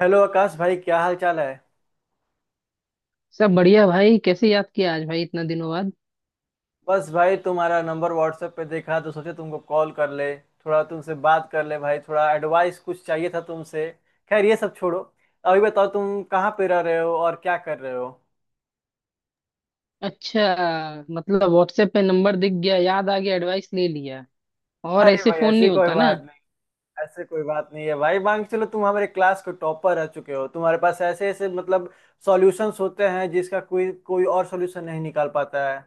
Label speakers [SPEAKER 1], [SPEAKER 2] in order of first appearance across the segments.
[SPEAKER 1] Hello Akash भाई, क्या हाल चाल है।
[SPEAKER 2] सब बढ़िया भाई। कैसे याद किया आज भाई इतना दिनों बाद?
[SPEAKER 1] बस भाई, तुम्हारा नंबर व्हाट्सएप पे देखा तो सोचे तुमको कॉल कर ले थोड़ा तुमसे बात कर ले भाई, थोड़ा एडवाइस कुछ चाहिए था तुमसे। खैर, ये सब छोड़ो। अभी बताओ, तुम कहाँ पे रह रहे हो और क्या कर रहे हो।
[SPEAKER 2] अच्छा, मतलब व्हाट्सएप पे नंबर दिख गया, याद आ गया, एडवाइस ले लिया। और
[SPEAKER 1] अरे
[SPEAKER 2] ऐसे
[SPEAKER 1] भाई,
[SPEAKER 2] फोन
[SPEAKER 1] ऐसी
[SPEAKER 2] नहीं
[SPEAKER 1] कोई
[SPEAKER 2] होता ना?
[SPEAKER 1] बात नहीं। ऐसे कोई बात नहीं है भाई, मान के चलो, तुम हमारे क्लास के टॉपर रह चुके हो। तुम्हारे पास ऐसे ऐसे सॉल्यूशंस होते हैं जिसका कोई कोई और सॉल्यूशन नहीं निकाल पाता है।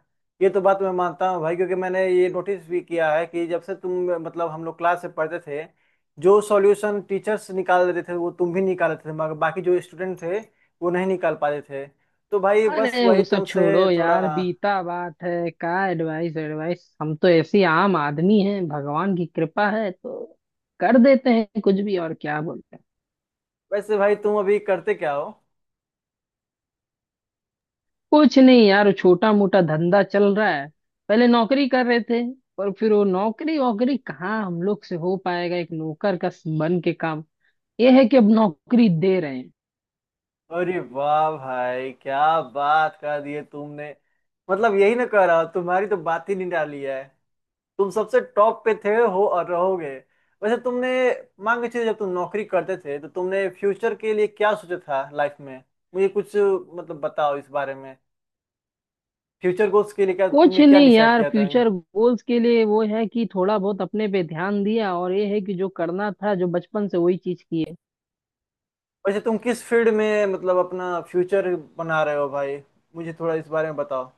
[SPEAKER 1] ये तो बात मैं मानता हूँ भाई, क्योंकि मैंने ये नोटिस भी किया है कि जब से तुम हम लोग क्लास से पढ़ते थे, जो सॉल्यूशन टीचर्स निकाल देते थे वो तुम भी निकाल देते थे, मगर बाकी जो स्टूडेंट थे वो नहीं निकाल पाते थे। तो भाई बस
[SPEAKER 2] अरे
[SPEAKER 1] वही
[SPEAKER 2] वो सब
[SPEAKER 1] तुमसे
[SPEAKER 2] छोड़ो
[SPEAKER 1] थोड़ा।
[SPEAKER 2] यार, बीता बात है। का एडवाइस एडवाइस, हम तो ऐसे ही आम आदमी हैं। भगवान की कृपा है तो कर देते हैं कुछ भी, और क्या बोलते हैं।
[SPEAKER 1] वैसे भाई, तुम अभी करते क्या हो।
[SPEAKER 2] कुछ नहीं यार, छोटा मोटा धंधा चल रहा है। पहले नौकरी कर रहे थे, पर फिर वो नौकरी वोकरी कहाँ हम लोग से हो पाएगा। एक नौकर का बन के काम, ये है कि अब नौकरी दे रहे हैं।
[SPEAKER 1] अरे वाह भाई, क्या बात कर दी है तुमने। मतलब यही ना कह रहा हूं, तुम्हारी तो बात ही नहीं डाली है। तुम सबसे टॉप पे थे, हो और रहोगे। वैसे तुमने, मान के चलिए, जब तुम नौकरी करते थे तो तुमने फ्यूचर के लिए क्या सोचा था लाइफ में। मुझे कुछ बताओ इस बारे में। फ्यूचर गोल्स के लिए क्या
[SPEAKER 2] कुछ
[SPEAKER 1] तुमने क्या
[SPEAKER 2] नहीं
[SPEAKER 1] डिसाइड
[SPEAKER 2] यार,
[SPEAKER 1] किया था।
[SPEAKER 2] फ्यूचर गोल्स के लिए वो है कि थोड़ा बहुत अपने पे ध्यान दिया, और ये है कि जो करना था, जो बचपन से वही चीज की है।
[SPEAKER 1] वैसे तुम किस फील्ड में अपना फ्यूचर बना रहे हो भाई। मुझे थोड़ा इस बारे में बताओ।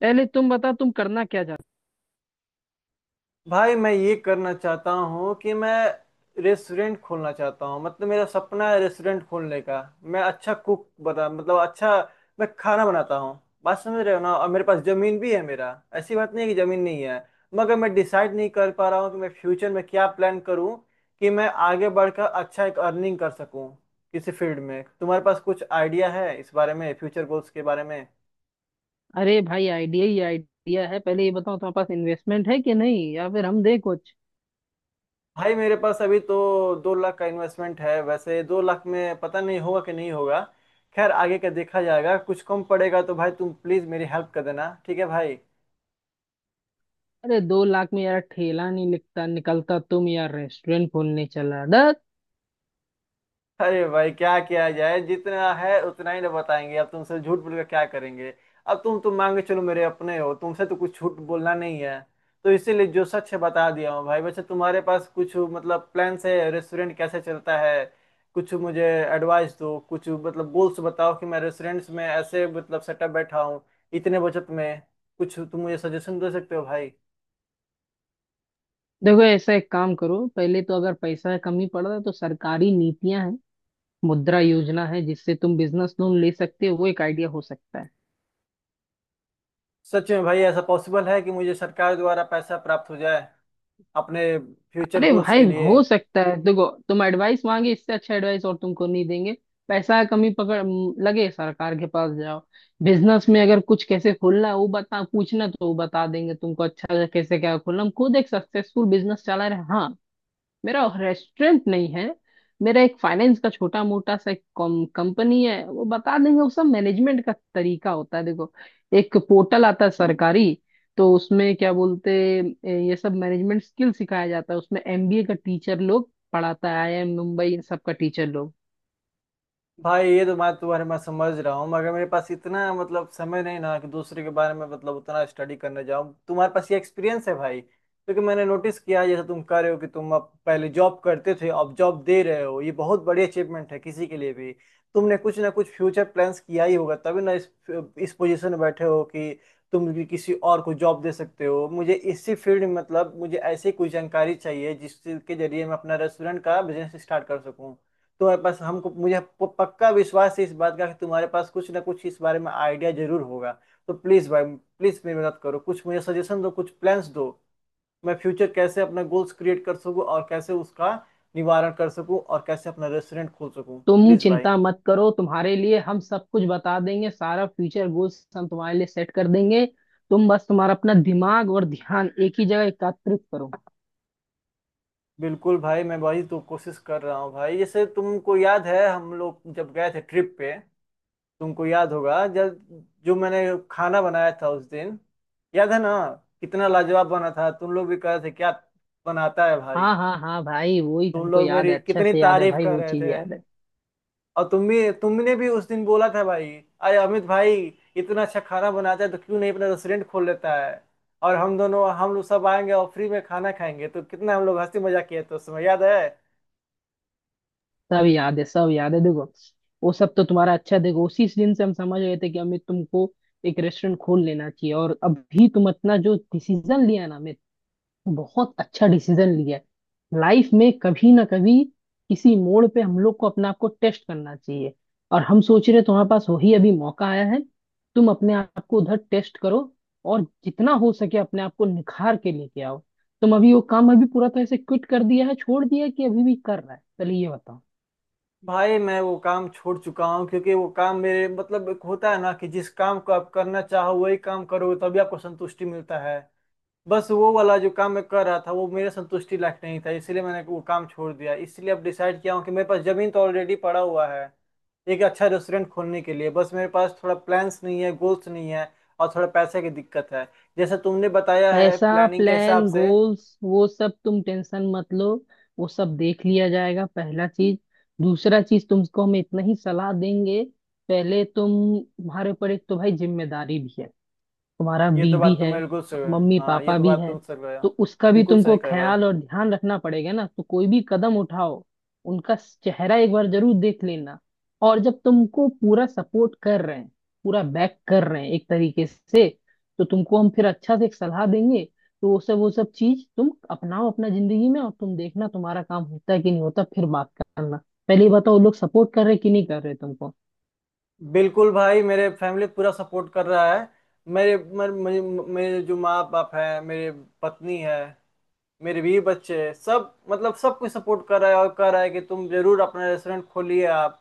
[SPEAKER 2] पहले तुम बता, तुम करना क्या चाहते।
[SPEAKER 1] भाई, मैं ये करना चाहता हूँ कि मैं रेस्टोरेंट खोलना चाहता हूँ। मतलब मेरा सपना है रेस्टोरेंट खोलने का। मैं अच्छा कुक बना, अच्छा मैं खाना बनाता हूँ। बात समझ रहे हो ना। और मेरे पास जमीन भी है मेरा। ऐसी बात नहीं है कि जमीन नहीं है, मगर मैं डिसाइड नहीं कर पा रहा हूँ कि मैं फ्यूचर में क्या प्लान करूँ कि मैं आगे बढ़कर अच्छा एक अर्निंग कर सकूँ किसी फील्ड में। तुम्हारे पास कुछ आइडिया है इस बारे में, फ्यूचर गोल्स के बारे में।
[SPEAKER 2] अरे भाई आइडिया ही आइडिया है। पहले ये बताओ तुम्हारे पास इन्वेस्टमेंट है कि नहीं, या फिर हम दे कुछ।
[SPEAKER 1] भाई, मेरे पास अभी तो 2 लाख का इन्वेस्टमेंट है। वैसे 2 लाख में पता नहीं होगा कि नहीं होगा। खैर, आगे का देखा जाएगा। कुछ कम पड़ेगा तो भाई, तुम प्लीज मेरी हेल्प कर देना, ठीक है भाई।
[SPEAKER 2] अरे 2 लाख में यार ठेला नहीं लिखता निकलता, तुम यार रेस्टोरेंट खोलने चला डर।
[SPEAKER 1] अरे भाई, क्या किया जाए, जितना है उतना ही ना बताएंगे। अब तुमसे झूठ बोल के क्या करेंगे। अब तुम तो मान के चलो, मेरे अपने हो, तुमसे तो कुछ झूठ बोलना नहीं है। तो इसीलिए जो सच है बता दिया हूँ भाई। वैसे तुम्हारे पास कुछ प्लान्स है, रेस्टोरेंट कैसे चलता है, कुछ मुझे एडवाइस दो, कुछ गोल्स बताओ कि मैं रेस्टोरेंट्स में ऐसे सेटअप बैठा हूँ इतने बचत में। कुछ तुम मुझे सजेशन दे सकते हो भाई।
[SPEAKER 2] देखो, ऐसा एक काम करो, पहले तो अगर पैसा कमी पड़ रहा है तो सरकारी नीतियां हैं, मुद्रा योजना है, जिससे तुम बिजनेस लोन ले सकते हो। वो एक आइडिया हो सकता है।
[SPEAKER 1] सच में भाई, ऐसा पॉसिबल है कि मुझे सरकार द्वारा पैसा प्राप्त हो जाए अपने फ्यूचर
[SPEAKER 2] अरे
[SPEAKER 1] गोल्स
[SPEAKER 2] भाई
[SPEAKER 1] के लिए।
[SPEAKER 2] हो सकता है। देखो, तुम एडवाइस मांगे, इससे अच्छा एडवाइस और तुमको नहीं देंगे। पैसा कमी पकड़ लगे, सरकार के पास जाओ। बिजनेस में अगर कुछ कैसे खोलना है वो बता, पूछना तो वो बता देंगे तुमको, अच्छा कैसे क्या खोलना। हम खुद एक सक्सेसफुल बिजनेस चला रहे हैं। हाँ, मेरा रेस्टोरेंट नहीं है, मेरा एक फाइनेंस का छोटा मोटा सा एक कंपनी है। वो बता देंगे वो सब, मैनेजमेंट का तरीका होता है। देखो, एक पोर्टल आता है सरकारी, तो उसमें क्या बोलते, ये सब मैनेजमेंट स्किल सिखाया जाता है। उसमें एमबीए का टीचर लोग पढ़ाता है, आईआईएम मुंबई इन सब का टीचर लोग।
[SPEAKER 1] भाई, ये तो मैं तुम्हारे मैं समझ रहा हूँ, मगर मेरे पास इतना समय नहीं ना कि दूसरे के बारे में उतना स्टडी करने जाऊँ। तुम्हारे पास ये एक्सपीरियंस है भाई, क्योंकि मैंने नोटिस किया जैसे तुम कह रहे हो कि तुम अब पहले जॉब करते थे, अब जॉब दे रहे हो, ये बहुत बड़ी अचीवमेंट है किसी के लिए भी। तुमने कुछ ना कुछ फ्यूचर प्लान्स किया ही होगा तभी ना इस पोजीशन में बैठे हो कि तुम भी किसी और को जॉब दे सकते हो। मुझे इसी फील्ड में मुझे ऐसी कोई जानकारी चाहिए जिसके जरिए मैं अपना रेस्टोरेंट का बिजनेस स्टार्ट कर सकूँ। तो बस हमको मुझे पक्का विश्वास है इस बात का कि तुम्हारे पास कुछ ना कुछ इस बारे में आइडिया जरूर होगा। तो प्लीज भाई, प्लीज मेरी मदद करो, कुछ मुझे सजेशन दो, कुछ प्लान्स दो। मैं फ्यूचर कैसे अपना गोल्स क्रिएट कर सकूं और कैसे उसका निवारण कर सकूं और कैसे अपना रेस्टोरेंट खोल सकूं,
[SPEAKER 2] तुम
[SPEAKER 1] प्लीज भाई।
[SPEAKER 2] चिंता मत करो, तुम्हारे लिए हम सब कुछ बता देंगे। सारा फ्यूचर गोल्स हम तुम्हारे लिए सेट कर देंगे। तुम बस तुम्हारा अपना दिमाग और ध्यान एक ही जगह एकत्रित करो।
[SPEAKER 1] बिल्कुल भाई, मैं भाई तो कोशिश कर रहा हूँ भाई। जैसे तुमको याद है, हम लोग जब गए थे ट्रिप पे, तुमको याद होगा जब जो मैंने खाना बनाया था उस दिन, याद है ना, कितना लाजवाब बना था। तुम लोग भी कह रहे थे, क्या बनाता है भाई।
[SPEAKER 2] हाँ हाँ हाँ भाई, वो ही
[SPEAKER 1] तुम
[SPEAKER 2] हमको
[SPEAKER 1] लोग
[SPEAKER 2] याद
[SPEAKER 1] मेरी
[SPEAKER 2] है, अच्छा
[SPEAKER 1] कितनी
[SPEAKER 2] से याद है
[SPEAKER 1] तारीफ
[SPEAKER 2] भाई,
[SPEAKER 1] कर
[SPEAKER 2] वो
[SPEAKER 1] रहे
[SPEAKER 2] चीज
[SPEAKER 1] थे।
[SPEAKER 2] याद है।
[SPEAKER 1] और तुम भी, तुमने भी उस दिन बोला था भाई, अरे अमित भाई इतना अच्छा खाना बनाता है तो क्यों नहीं अपना रेस्टोरेंट खोल लेता है, और हम दोनों, हम लोग सब आएंगे और फ्री में खाना खाएंगे। तो कितना हम लोग हंसी मजाक किए थे उस समय, याद है।
[SPEAKER 2] सब याद है, सब याद है। देखो, वो सब तो तुम्हारा अच्छा, देखो उसी दिन से हम समझ गए थे कि अमित तुमको एक रेस्टोरेंट खोल लेना चाहिए। और अभी तुम अपना जो डिसीजन लिया ना अमित, बहुत अच्छा डिसीजन लिया है। लाइफ में कभी ना कभी किसी मोड़ पे हम लोग को अपने आप को टेस्ट करना चाहिए, और हम सोच रहे हैं तुम्हारे पास वही अभी मौका आया है। तुम अपने आप को उधर टेस्ट करो, और जितना हो सके अपने आप को निखार के लेके आओ। तुम अभी वो काम अभी पूरा तरह से क्विट कर दिया है, छोड़ दिया है, कि अभी भी कर रहा है? चलिए ये बताओ।
[SPEAKER 1] भाई, मैं वो काम छोड़ चुका हूँ, क्योंकि वो काम मेरे एक होता है ना कि जिस काम को आप करना चाहो वही काम करो, तभी आपको संतुष्टि मिलता है। बस वो वाला जो काम मैं कर रहा था वो मेरे संतुष्टि लायक नहीं था, इसलिए मैंने वो काम छोड़ दिया। इसलिए अब डिसाइड किया हूँ कि मेरे पास जमीन तो ऑलरेडी पड़ा हुआ है एक अच्छा रेस्टोरेंट खोलने के लिए। बस मेरे पास थोड़ा प्लान्स नहीं है, गोल्स नहीं है, और थोड़ा पैसे की दिक्कत है, जैसा तुमने बताया है
[SPEAKER 2] पैसा,
[SPEAKER 1] प्लानिंग के हिसाब
[SPEAKER 2] प्लान,
[SPEAKER 1] से।
[SPEAKER 2] गोल्स, वो सब तुम टेंशन मत लो, वो सब देख लिया जाएगा, पहला चीज। दूसरा चीज, तुमको हम इतना ही सलाह देंगे। पहले तुम, तुम्हारे ऊपर एक तो भाई जिम्मेदारी भी है, तुम्हारा
[SPEAKER 1] ये तो
[SPEAKER 2] बीवी
[SPEAKER 1] बात तुम
[SPEAKER 2] है,
[SPEAKER 1] बिल्कुल सही-
[SPEAKER 2] मम्मी
[SPEAKER 1] हाँ, ये
[SPEAKER 2] पापा
[SPEAKER 1] तो
[SPEAKER 2] भी
[SPEAKER 1] बात
[SPEAKER 2] है,
[SPEAKER 1] तुम सही कहे हो।
[SPEAKER 2] तो उसका भी
[SPEAKER 1] बिल्कुल
[SPEAKER 2] तुमको
[SPEAKER 1] सही कहे भाई।
[SPEAKER 2] ख्याल और ध्यान रखना पड़ेगा ना। तो कोई भी कदम उठाओ, उनका चेहरा एक बार जरूर देख लेना। और जब तुमको पूरा सपोर्ट कर रहे हैं, पूरा बैक कर रहे हैं एक तरीके से, तो तुमको हम फिर अच्छा से एक सलाह देंगे। तो वो सब, वो सब चीज तुम अपनाओ अपना जिंदगी में, और तुम देखना तुम्हारा काम होता है कि नहीं होता, फिर बात करना। पहले ये बताओ वो लोग सपोर्ट कर रहे कि नहीं कर रहे तुमको।
[SPEAKER 1] बिल्कुल भाई, मेरे फैमिली पूरा सपोर्ट कर रहा है। मेरे मेरे मेरे मेरे जो माँ बाप है, मेरे पत्नी है, मेरे बीवी बच्चे हैं, सब सब कुछ सपोर्ट कर रहा है और कह रहा है कि तुम जरूर अपना रेस्टोरेंट खोलिए, आप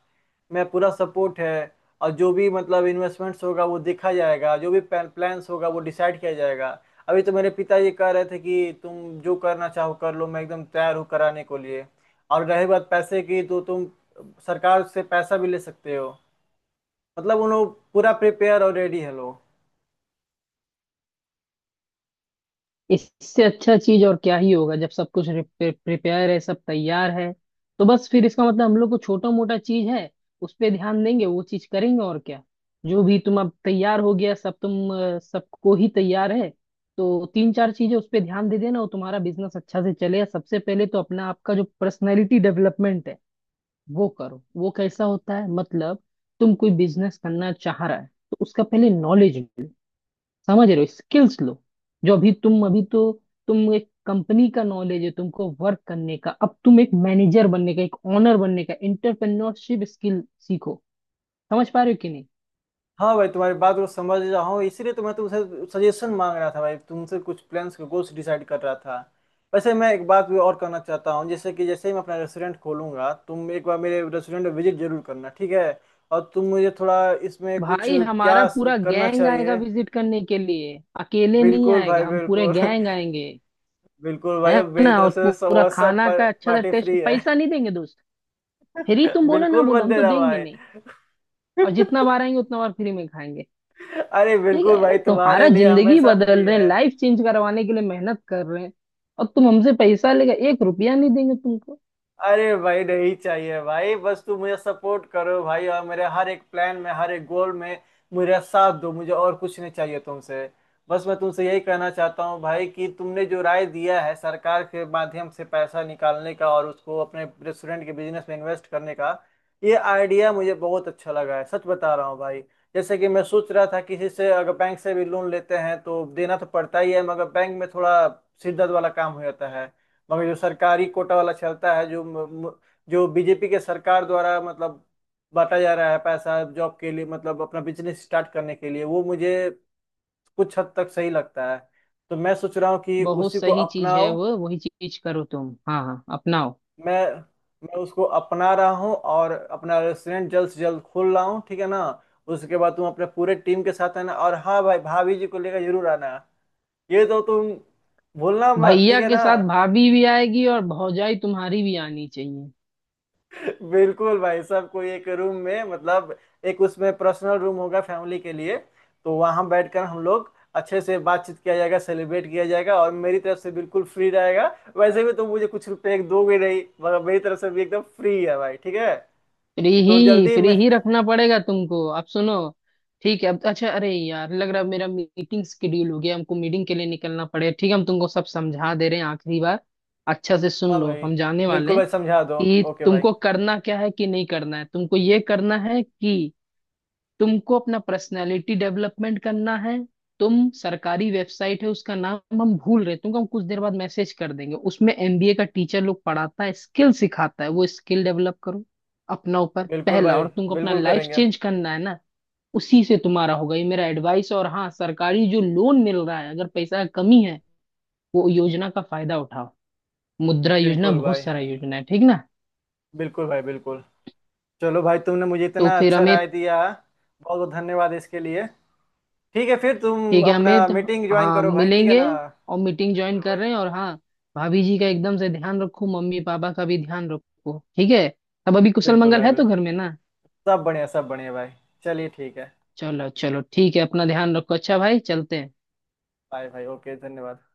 [SPEAKER 1] मैं पूरा सपोर्ट है। और जो भी इन्वेस्टमेंट्स होगा वो देखा जाएगा, जो भी प्लान्स होगा वो डिसाइड किया जाएगा। अभी तो मेरे पिताजी कह रहे थे कि तुम जो करना चाहो कर लो, मैं एकदम तैयार हूँ कराने को लिए। और रही बात पैसे की तो तुम सरकार से पैसा भी ले सकते हो। मतलब उन लोग पूरा प्रिपेयर और रेडी है लोग।
[SPEAKER 2] इससे अच्छा चीज और क्या ही होगा जब सब कुछ प्रिपेयर है, सब तैयार है। तो बस फिर इसका मतलब हम लोग को छोटा मोटा चीज है, उस पे ध्यान देंगे, वो चीज करेंगे, और क्या। जो भी तुम अब तैयार हो गया, सब तुम, सबको ही तैयार है। तो तीन चार चीजें उस पे ध्यान दे देना, और तुम्हारा बिजनेस अच्छा से चले। सबसे पहले तो अपना, आपका जो पर्सनैलिटी डेवलपमेंट है वो करो। वो कैसा होता है मतलब, तुम कोई बिजनेस करना चाह रहा है तो उसका पहले नॉलेज लो। समझ रहे हो, स्किल्स लो। जो अभी तुम अभी तो, तुम एक कंपनी का नॉलेज है तुमको वर्क करने का। अब तुम एक मैनेजर बनने का, एक ओनर बनने का, एंटरप्रेन्योरशिप स्किल सीखो। समझ पा रहे हो कि नहीं?
[SPEAKER 1] हाँ भाई, तुम्हारी बात को समझ रहा हूँ, इसीलिए तो मैं तुमसे सजेशन मांग रहा था भाई, तुमसे कुछ प्लान्स के गोल्स डिसाइड कर रहा था। वैसे मैं एक बात भी और करना चाहता हूँ, जैसे कि जैसे ही मैं अपना रेस्टोरेंट खोलूंगा, तुम एक बार मेरे रेस्टोरेंट में विजिट जरूर करना, ठीक है। और तुम मुझे थोड़ा इसमें कुछ
[SPEAKER 2] भाई हमारा
[SPEAKER 1] क्या
[SPEAKER 2] पूरा
[SPEAKER 1] करना
[SPEAKER 2] गैंग आएगा
[SPEAKER 1] चाहिए।
[SPEAKER 2] विजिट करने के लिए, अकेले नहीं
[SPEAKER 1] बिल्कुल
[SPEAKER 2] आएगा,
[SPEAKER 1] भाई,
[SPEAKER 2] हम पूरे
[SPEAKER 1] बिल्कुल।
[SPEAKER 2] गैंग आएंगे।
[SPEAKER 1] बिल्कुल भाई,
[SPEAKER 2] है
[SPEAKER 1] अब मेरी
[SPEAKER 2] ना, और
[SPEAKER 1] तरफ से
[SPEAKER 2] पूरा
[SPEAKER 1] समोसा
[SPEAKER 2] खाना
[SPEAKER 1] पर,
[SPEAKER 2] का अच्छा सा
[SPEAKER 1] पार्टी
[SPEAKER 2] टेस्ट,
[SPEAKER 1] फ्री है।
[SPEAKER 2] पैसा नहीं देंगे दोस्त। फ्री तुम बोलो ना
[SPEAKER 1] बिल्कुल मत
[SPEAKER 2] बोलो, हम तो
[SPEAKER 1] देना
[SPEAKER 2] देंगे
[SPEAKER 1] भाई।
[SPEAKER 2] नहीं। और जितना बार आएंगे उतना बार फ्री में खाएंगे।
[SPEAKER 1] अरे
[SPEAKER 2] ठीक है।
[SPEAKER 1] बिल्कुल
[SPEAKER 2] अरे
[SPEAKER 1] भाई, तुम्हारे
[SPEAKER 2] तुम्हारा
[SPEAKER 1] लिए
[SPEAKER 2] जिंदगी
[SPEAKER 1] हमेशा फ्री
[SPEAKER 2] बदल रहे हैं,
[SPEAKER 1] है।
[SPEAKER 2] लाइफ चेंज करवाने के लिए मेहनत कर रहे हैं, और तुम हमसे पैसा लेकर एक रुपया नहीं देंगे तुमको।
[SPEAKER 1] अरे भाई, नहीं चाहिए भाई। बस तू मुझे सपोर्ट करो भाई, और मेरे हर एक प्लान में, हर एक गोल में मेरा साथ दो, मुझे और कुछ नहीं चाहिए तुमसे। बस मैं तुमसे यही कहना चाहता हूँ भाई कि तुमने जो राय दिया है सरकार के माध्यम से पैसा निकालने का और उसको अपने रेस्टोरेंट के बिजनेस में इन्वेस्ट करने का, ये आइडिया मुझे बहुत अच्छा लगा है, सच बता रहा हूँ भाई। जैसे कि मैं सोच रहा था किसी से, अगर बैंक से भी लोन लेते हैं तो देना तो पड़ता ही है, मगर बैंक में थोड़ा सिरदर्द वाला काम हो जाता है। मगर जो सरकारी कोटा वाला चलता है, जो जो बीजेपी के सरकार द्वारा बांटा जा रहा है पैसा जॉब के लिए, मतलब अपना बिजनेस स्टार्ट करने के लिए, वो मुझे कुछ हद तक सही लगता है। तो मैं सोच रहा हूँ कि
[SPEAKER 2] बहुत
[SPEAKER 1] उसी को
[SPEAKER 2] सही चीज है
[SPEAKER 1] अपनाओ।
[SPEAKER 2] वो, वही चीज करो तुम। हाँ हाँ, अपनाओ।
[SPEAKER 1] मैं मैं उसको अपना रहा हूँ और अपना रेस्टोरेंट जल्द से जल्द खोल रहा हूँ, ठीक है ना। उसके बाद तुम अपने पूरे टीम के साथ, है ना, और हाँ भाई भाभी जी को लेकर जरूर आना। ये तो तुम भूलना मत, ठीक
[SPEAKER 2] भैया
[SPEAKER 1] है
[SPEAKER 2] के
[SPEAKER 1] ना।
[SPEAKER 2] साथ भाभी भी आएगी, और भौजाई तुम्हारी भी आनी चाहिए।
[SPEAKER 1] बिल्कुल भाई साहब, कोई एक रूम में एक उसमें पर्सनल रूम होगा फैमिली के लिए, तो वहां बैठकर हम लोग अच्छे से बातचीत किया जाएगा, सेलिब्रेट किया जाएगा, और मेरी तरफ से बिल्कुल फ्री रहेगा। वैसे भी तुम मुझे कुछ रुपए एक दोगे नहीं, मगर मेरी तरफ से भी एकदम फ्री है भाई, ठीक है।
[SPEAKER 2] फ्री
[SPEAKER 1] तो
[SPEAKER 2] ही,
[SPEAKER 1] जल्दी
[SPEAKER 2] फ्री
[SPEAKER 1] मैं।
[SPEAKER 2] ही रखना पड़ेगा तुमको। अब सुनो, ठीक है। अब तो अच्छा, अरे यार लग रहा है मेरा मीटिंग शेड्यूल हो गया, हमको मीटिंग के लिए निकलना पड़ेगा। ठीक है, हम तुमको सब समझा दे रहे हैं आखिरी बार, अच्छा से सुन
[SPEAKER 1] हाँ
[SPEAKER 2] लो,
[SPEAKER 1] भाई,
[SPEAKER 2] हम जाने वाले
[SPEAKER 1] बिल्कुल
[SPEAKER 2] हैं।
[SPEAKER 1] भाई, समझा दो।
[SPEAKER 2] कि
[SPEAKER 1] ओके भाई।
[SPEAKER 2] तुमको करना क्या है कि नहीं करना है, तुमको ये करना है कि तुमको अपना पर्सनालिटी डेवलपमेंट करना है। तुम, सरकारी वेबसाइट है उसका नाम हम भूल रहे हैं, तुमको हम कुछ देर बाद मैसेज कर देंगे। उसमें एमबीए का टीचर लोग पढ़ाता है, स्किल सिखाता है, वो स्किल डेवलप करो अपना ऊपर,
[SPEAKER 1] बिल्कुल
[SPEAKER 2] पहला।
[SPEAKER 1] भाई,
[SPEAKER 2] और तुमको अपना
[SPEAKER 1] बिल्कुल
[SPEAKER 2] लाइफ
[SPEAKER 1] करेंगे।
[SPEAKER 2] चेंज करना है ना, उसी से तुम्हारा होगा। ये मेरा एडवाइस। और हाँ, सरकारी जो लोन मिल रहा है, अगर पैसा कमी है, वो योजना का फायदा उठाओ। मुद्रा योजना,
[SPEAKER 1] बिल्कुल
[SPEAKER 2] बहुत
[SPEAKER 1] भाई,
[SPEAKER 2] सारा योजना है, ठीक ना?
[SPEAKER 1] बिल्कुल भाई, बिल्कुल। चलो भाई, तुमने मुझे
[SPEAKER 2] तो
[SPEAKER 1] इतना
[SPEAKER 2] फिर
[SPEAKER 1] अच्छा
[SPEAKER 2] हमें,
[SPEAKER 1] राय दिया, बहुत बहुत धन्यवाद इसके लिए। ठीक है, फिर तुम
[SPEAKER 2] ठीक है अमित,
[SPEAKER 1] अपना मीटिंग ज्वाइन
[SPEAKER 2] हाँ
[SPEAKER 1] करो भाई, ठीक है
[SPEAKER 2] मिलेंगे,
[SPEAKER 1] ना।
[SPEAKER 2] और मीटिंग ज्वाइन
[SPEAKER 1] बिल्कुल
[SPEAKER 2] कर
[SPEAKER 1] भाई,
[SPEAKER 2] रहे हैं। और हाँ, भाभी जी का एकदम से ध्यान रखो, मम्मी पापा का भी ध्यान रखो, ठीक है। अब अभी कुशल
[SPEAKER 1] बिल्कुल
[SPEAKER 2] मंगल
[SPEAKER 1] भाई,
[SPEAKER 2] है तो घर में
[SPEAKER 1] बिल्कुल।
[SPEAKER 2] ना।
[SPEAKER 1] सब बढ़िया, सब बढ़िया भाई। चलिए, ठीक है।
[SPEAKER 2] चलो चलो ठीक है, अपना ध्यान रखो। अच्छा भाई, चलते हैं।
[SPEAKER 1] बाय भाई, ओके, धन्यवाद।